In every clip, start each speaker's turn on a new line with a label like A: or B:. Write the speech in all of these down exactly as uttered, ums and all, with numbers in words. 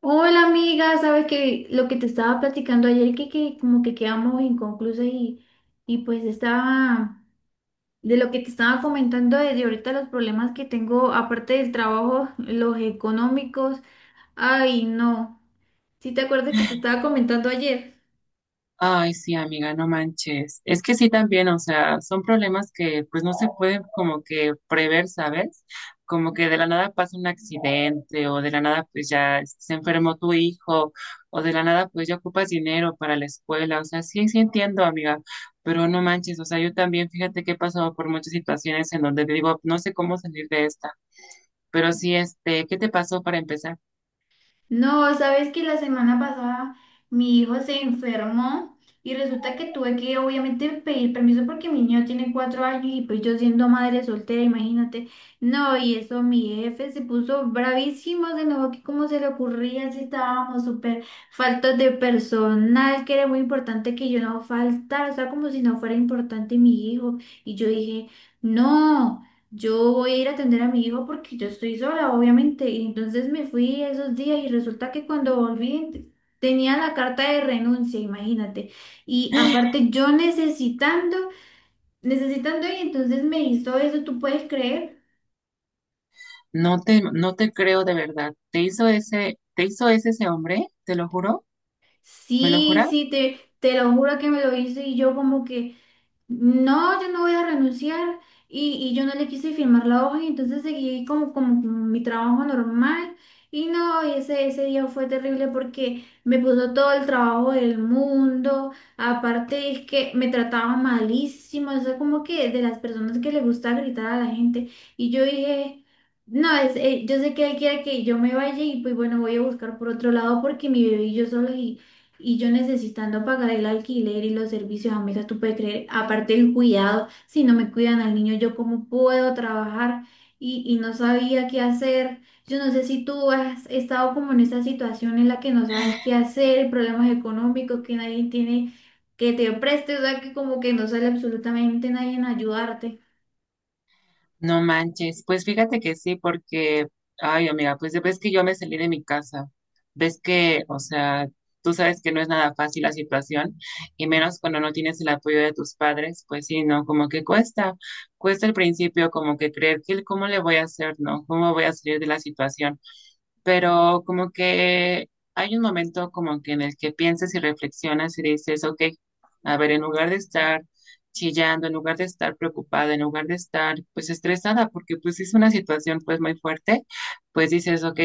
A: Hola amiga, sabes que lo que te estaba platicando ayer que, que como que quedamos inconclusas y, y pues estaba de lo que te estaba comentando de, de ahorita los problemas que tengo aparte del trabajo, los económicos, ay no, ¿sí te acuerdas que te estaba comentando ayer?
B: Ay, sí, amiga, no manches. Es que sí también, o sea, son problemas que pues no se pueden como que prever, ¿sabes? Como que de la nada pasa un accidente o de la nada pues ya se enfermó tu hijo o de la nada pues ya ocupas dinero para la escuela. O sea, sí, sí entiendo, amiga, pero no manches, o sea, yo también fíjate que he pasado por muchas situaciones en donde digo, no sé cómo salir de esta. Pero sí, este, ¿qué te pasó para empezar?
A: No, sabes que la semana pasada mi hijo se enfermó y resulta que tuve que obviamente pedir permiso porque mi niño tiene cuatro años y pues yo siendo madre soltera, imagínate. No, y eso mi jefe se puso bravísimo, se enojó que cómo se le ocurría si estábamos súper faltos de personal, que era muy importante que yo no faltara, o sea, como si no fuera importante mi hijo. Y yo dije, no. Yo voy a ir a atender a mi hijo porque yo estoy sola, obviamente. Y entonces me fui esos días y resulta que cuando volví t- tenía la carta de renuncia, imagínate. Y aparte yo necesitando, necesitando y entonces me hizo eso, ¿tú puedes creer?
B: No te, no te creo de verdad. ¿Te hizo ese, te hizo ese ese hombre? Te lo juro. ¿Me lo
A: Sí,
B: jura?
A: sí, te, te lo juro que me lo hizo y yo como que... No, yo no voy a renunciar y, y yo no le quise firmar la hoja y entonces seguí como, como con mi trabajo normal y no, y ese, ese día fue terrible porque me puso todo el trabajo del mundo, aparte es que me trataba malísimo, eso es como que de las personas que le gusta gritar a la gente y yo dije, no, es, eh, yo sé que él quiere que yo me vaya y pues bueno, voy a buscar por otro lado porque mi bebé y yo solos y yo necesitando pagar el alquiler y los servicios, amiga, tú puedes creer, aparte el cuidado, si no me cuidan al niño, yo cómo puedo trabajar y, y no sabía qué hacer. Yo no sé si tú has estado como en esa situación en la que no sabes qué hacer, problemas económicos, que nadie tiene que te preste, o sea, que como que no sale absolutamente nadie en ayudarte.
B: No manches. Pues fíjate que sí, porque, ay, amiga, pues ves que yo me salí de mi casa. Ves que, o sea, tú sabes que no es nada fácil la situación, y menos cuando no tienes el apoyo de tus padres, pues sí, no, como que cuesta, cuesta al principio, como que creer que el cómo le voy a hacer, ¿no? ¿Cómo voy a salir de la situación? Pero como que hay un momento como que en el que piensas y reflexionas y dices, ok, a ver, en lugar de estar chillando, en lugar de estar preocupada, en lugar de estar pues estresada, porque pues es una situación pues muy fuerte, pues dices, ok,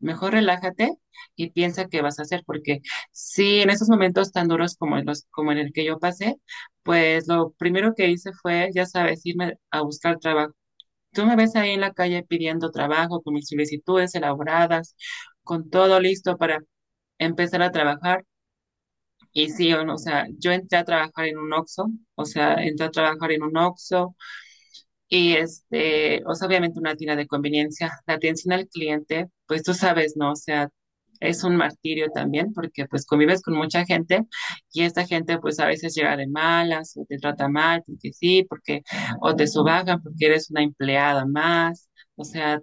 B: mejor relájate y piensa qué vas a hacer, porque sí, en esos momentos tan duros como en los, como en el que yo pasé, pues lo primero que hice fue, ya sabes, irme a buscar trabajo. Tú me ves ahí en la calle pidiendo trabajo con mis solicitudes elaboradas, con todo listo para empezar a trabajar. Y sí, o no, o sea, yo entré a trabajar en un Oxxo, o sea, entré a trabajar en un Oxxo, y este, o sea, obviamente una tienda de conveniencia, la atención al cliente, pues tú sabes, ¿no? O sea, es un martirio también porque pues convives con mucha gente y esta gente pues a veces llega de malas o te trata mal porque sí, porque o te subajan porque eres una empleada más, o sea,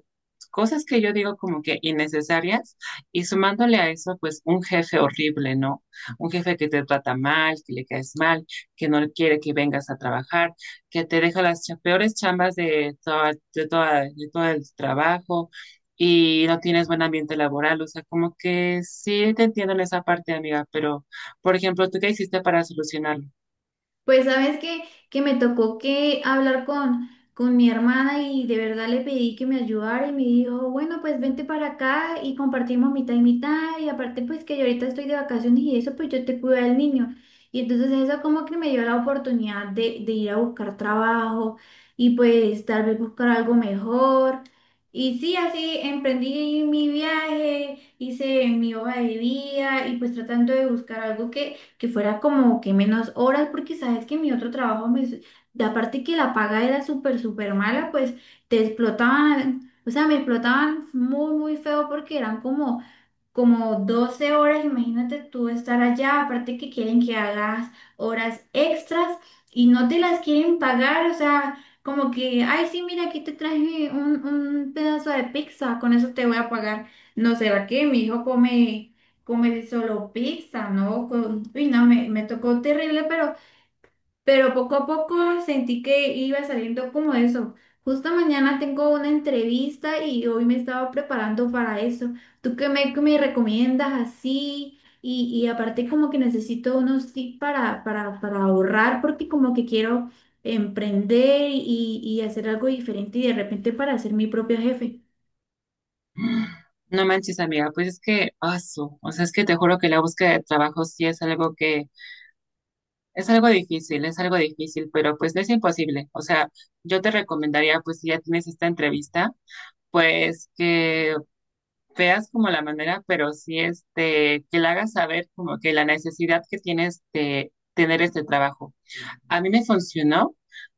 B: cosas que yo digo como que innecesarias y sumándole a eso pues un jefe horrible, ¿no? Un jefe que te trata mal, que le caes mal, que no quiere que vengas a trabajar, que te deja las cha- peores chambas de toda, de toda, de todo el trabajo y no tienes buen ambiente laboral. O sea, como que sí te entiendo en esa parte, amiga, pero, por ejemplo, ¿tú qué hiciste para solucionarlo?
A: Pues sabes que, que me tocó que hablar con, con mi hermana y de verdad le pedí que me ayudara y me dijo, bueno, pues vente para acá y compartimos mitad y mitad y aparte pues que yo ahorita estoy de vacaciones y eso pues yo te cuido del niño. Y entonces eso como que me dio la oportunidad de, de ir a buscar trabajo y pues tal vez buscar algo mejor. Y sí, así emprendí mi viaje, hice mi hoja de vida y pues tratando de buscar algo que que fuera como que menos horas, porque sabes que mi otro trabajo, me, s- de aparte que la paga era súper, súper mala, pues te explotaban, o sea, me explotaban muy, muy feo porque eran como como doce horas, imagínate tú estar allá, aparte que quieren que hagas horas extras y no te las quieren pagar, o sea, como que, ay, sí, mira, aquí te traje un, un pedazo de pizza, con eso te voy a pagar. No sé, ¿va qué? Mi hijo come, come solo pizza, ¿no? Con- uy, no, me, me tocó terrible, pero pero poco a poco sentí que iba saliendo como eso. Justo mañana tengo una entrevista y hoy me estaba preparando para eso. ¿Tú qué me, qué me recomiendas así? Y, y aparte como que necesito unos tips para, para, para ahorrar porque como que quiero emprender y, y hacer algo diferente y de repente para ser mi propio jefe.
B: No manches, amiga, pues es que, aso, o sea, es que te juro que la búsqueda de trabajo sí es algo que, es algo difícil, es algo difícil, pero pues no es imposible. O sea, yo te recomendaría, pues si ya tienes esta entrevista, pues que veas como la manera, pero sí este, que le hagas saber como que la necesidad que tienes de tener este trabajo. A mí me funcionó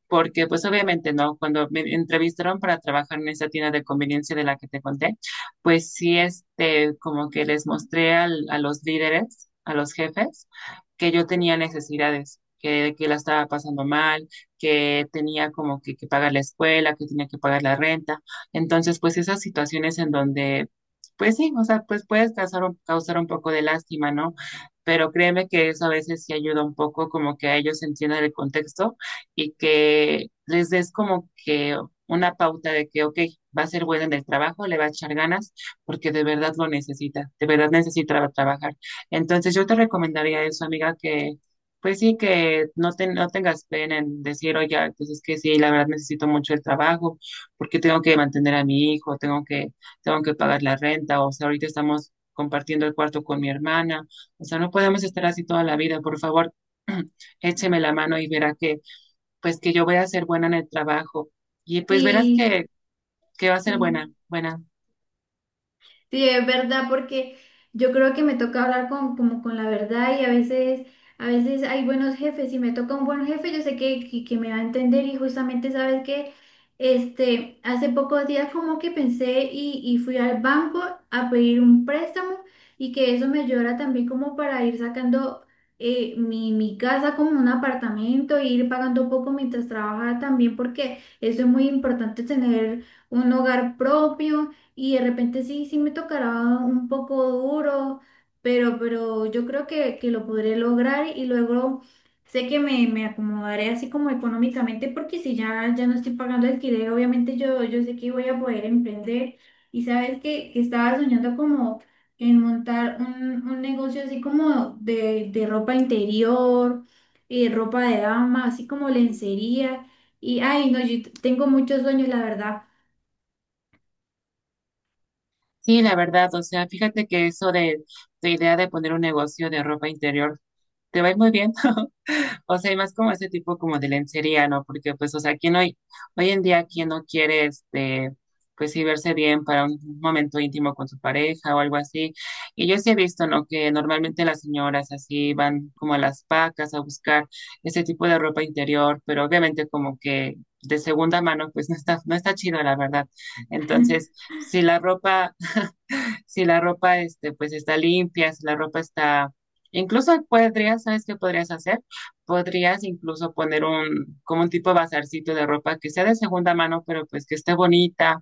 B: porque pues obviamente no, cuando me entrevistaron para trabajar en esa tienda de conveniencia de la que te conté, pues sí, este, como que les mostré al- a los líderes, a los jefes, que yo tenía necesidades, que, que la estaba pasando mal, que tenía como que, que pagar la escuela, que tenía que pagar la renta. Entonces, pues esas situaciones en donde, pues sí, o sea, pues puedes causar un, causar un poco de lástima, ¿no? Pero créeme que eso a veces sí ayuda un poco como que a ellos entiendan el contexto y que les des como que una pauta de que, ok, va a ser buena en el trabajo, le va a echar ganas, porque de verdad lo necesita, de verdad necesita tra- trabajar. Entonces yo te recomendaría eso, amiga, que pues sí, que no, te, no tengas pena en decir, oye, pues es que sí, la verdad necesito mucho el trabajo, porque tengo que mantener a mi hijo, tengo que, tengo que pagar la renta, o sea, ahorita estamos compartiendo el cuarto con mi hermana. O sea, no podemos estar así toda la vida, por favor, écheme la mano y verá que, pues que yo voy a ser buena en el trabajo. Y pues verás
A: Sí,
B: que, que va a ser buena,
A: sí,
B: buena.
A: sí, es verdad, porque yo creo que me toca hablar con, como con la verdad y a veces, a veces hay buenos jefes. Si me toca un buen jefe, yo sé que, que, que me va a entender y justamente sabes que este, hace pocos días como que pensé y, y fui al banco a pedir un préstamo y que eso me ayudara también como para ir sacando eh, mi, mi casa como un apartamento e ir pagando un poco mientras trabajaba también porque eso es muy importante tener un hogar propio y de repente sí, sí me tocará un poco duro, pero, pero yo creo que, que lo podré lograr y luego sé que me, me acomodaré así como económicamente porque si ya, ya no estoy pagando alquiler, obviamente yo, yo sé que voy a poder emprender y sabes que, que estaba soñando como en montar un, un negocio así como de, de ropa interior, eh, ropa de dama, así como lencería y ay, no, yo tengo muchos sueños, la verdad.
B: Sí, la verdad, o sea, fíjate que eso de la idea de poner un negocio de ropa interior te va a ir muy bien. O sea, y más como ese tipo como de lencería, ¿no? Porque pues, o sea, quién hoy, hoy en día, quién no quiere, este, pues sí verse bien para un momento íntimo con su pareja o algo así. Y yo sí he visto, ¿no? Que normalmente las señoras así van como a las pacas a buscar ese tipo de ropa interior, pero obviamente como que de segunda mano, pues no está, no está chido, la verdad. Entonces, si la ropa si la ropa este, pues está limpia, si la ropa está, incluso podrías, ¿sabes qué podrías hacer? Podrías incluso poner un, como un tipo de bazarcito de ropa que sea de segunda mano, pero pues que esté bonita.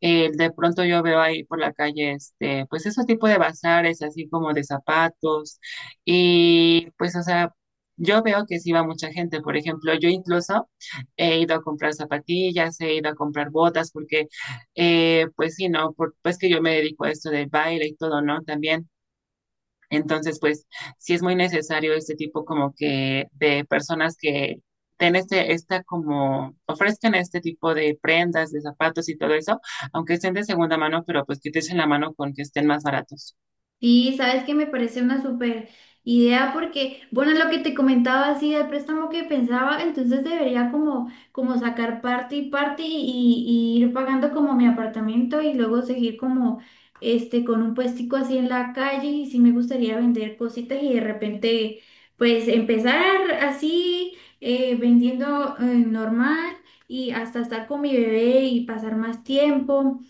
B: Eh, de pronto yo veo ahí por la calle, este, pues esos tipos de bazares, así como de zapatos, y pues, o sea, yo veo que sí va mucha gente. Por ejemplo, yo incluso he ido a comprar zapatillas, he ido a comprar botas, porque eh, pues sí, ¿no? Por, pues que yo me dedico a esto del baile y todo, ¿no? También. Entonces, pues sí es muy necesario este tipo como que de personas que ten este, esta como, ofrezcan este tipo de prendas, de zapatos y todo eso, aunque estén de segunda mano, pero pues que te echen la mano con que estén más baratos.
A: Sí, sabes que me parece una súper idea porque, bueno, lo que te comentaba así del préstamo que pensaba, entonces debería como, como sacar parte y parte y, y ir pagando como mi apartamento y luego seguir como este con un puestico así en la calle y sí me gustaría vender cositas y de repente pues empezar así eh, vendiendo eh, normal y hasta estar con mi bebé y pasar más tiempo.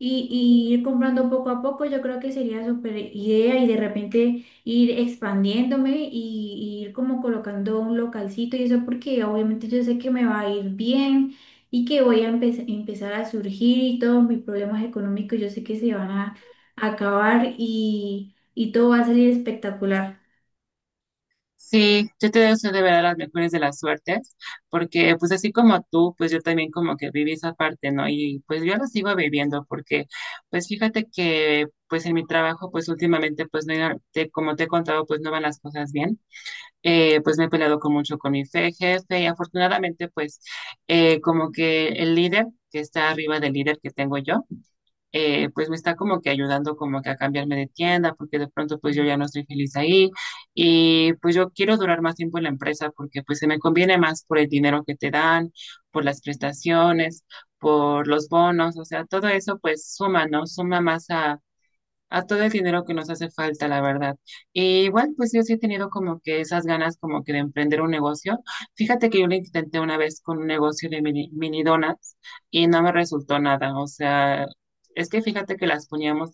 A: Y, y ir comprando poco a poco, yo creo que sería súper idea y de repente ir expandiéndome y, y ir como colocando un localcito y eso porque obviamente yo sé que me va a ir bien y que voy a empe- empezar a surgir y todos mis problemas económicos yo sé que se van a acabar y, y todo va a salir espectacular.
B: Sí, yo te deseo de verdad las mejores de las suertes, porque pues así como tú, pues yo también como que viví esa parte, ¿no? Y pues yo la sigo viviendo, porque pues fíjate que pues en mi trabajo pues últimamente pues no, iba- te- como te he contado pues no van las cosas bien. Eh, pues me he peleado con mucho con mi fe, jefe y afortunadamente pues eh, como que el líder que está arriba del líder que tengo yo, eh, pues me está como que ayudando como que a cambiarme de tienda, porque de pronto pues yo ya no estoy feliz ahí y pues yo quiero durar más tiempo en la empresa porque pues se me conviene más por el dinero que te dan, por las prestaciones, por los bonos, o sea, todo eso pues suma, ¿no? Suma más a a todo el dinero que nos hace falta, la verdad. Y igual, pues yo sí he tenido como que esas ganas como que de emprender un negocio. Fíjate que yo lo intenté una vez con un negocio de mini, mini donuts y no me resultó nada. O sea, es que fíjate que las poníamos,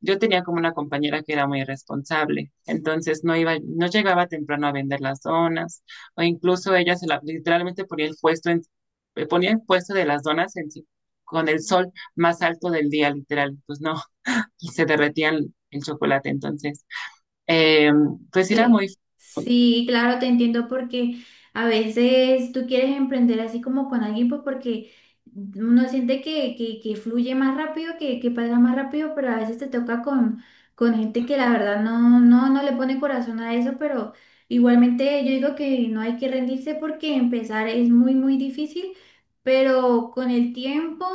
B: yo tenía como una compañera que era muy irresponsable, entonces no iba, no llegaba temprano a vender las donas, o incluso ella se la, literalmente ponía el puesto en, ponía el puesto de las donas en, sí, con el sol más alto del día, literal. Pues no, y se derretía el, el chocolate. Entonces, eh, pues era muy...
A: Cl- Sí, claro, te entiendo porque a veces tú quieres emprender así como con alguien, pues porque uno siente que, que, que fluye más rápido, que, que pasa más rápido, pero a veces te toca con, con gente que la verdad no, no, no le pone corazón a eso, pero igualmente yo digo que no hay que rendirse porque empezar es muy, muy difícil, pero con el tiempo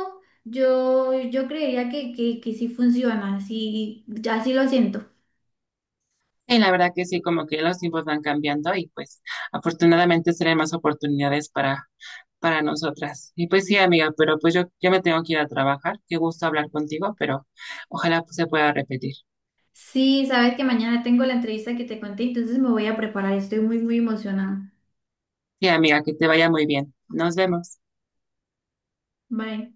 A: yo, yo creería que, que, que sí funciona, sí, ya sí lo siento.
B: Y la verdad que sí, como que los tiempos van cambiando y pues afortunadamente serán más oportunidades para, para nosotras. Y pues sí, amiga, pero pues yo, yo me tengo que ir a trabajar. Qué gusto hablar contigo, pero ojalá pues, se pueda repetir.
A: Sí, sabes que mañana tengo la entrevista que te conté, entonces me voy a preparar. Estoy muy, muy emocionada.
B: Sí, amiga, que te vaya muy bien. Nos vemos.
A: Bye.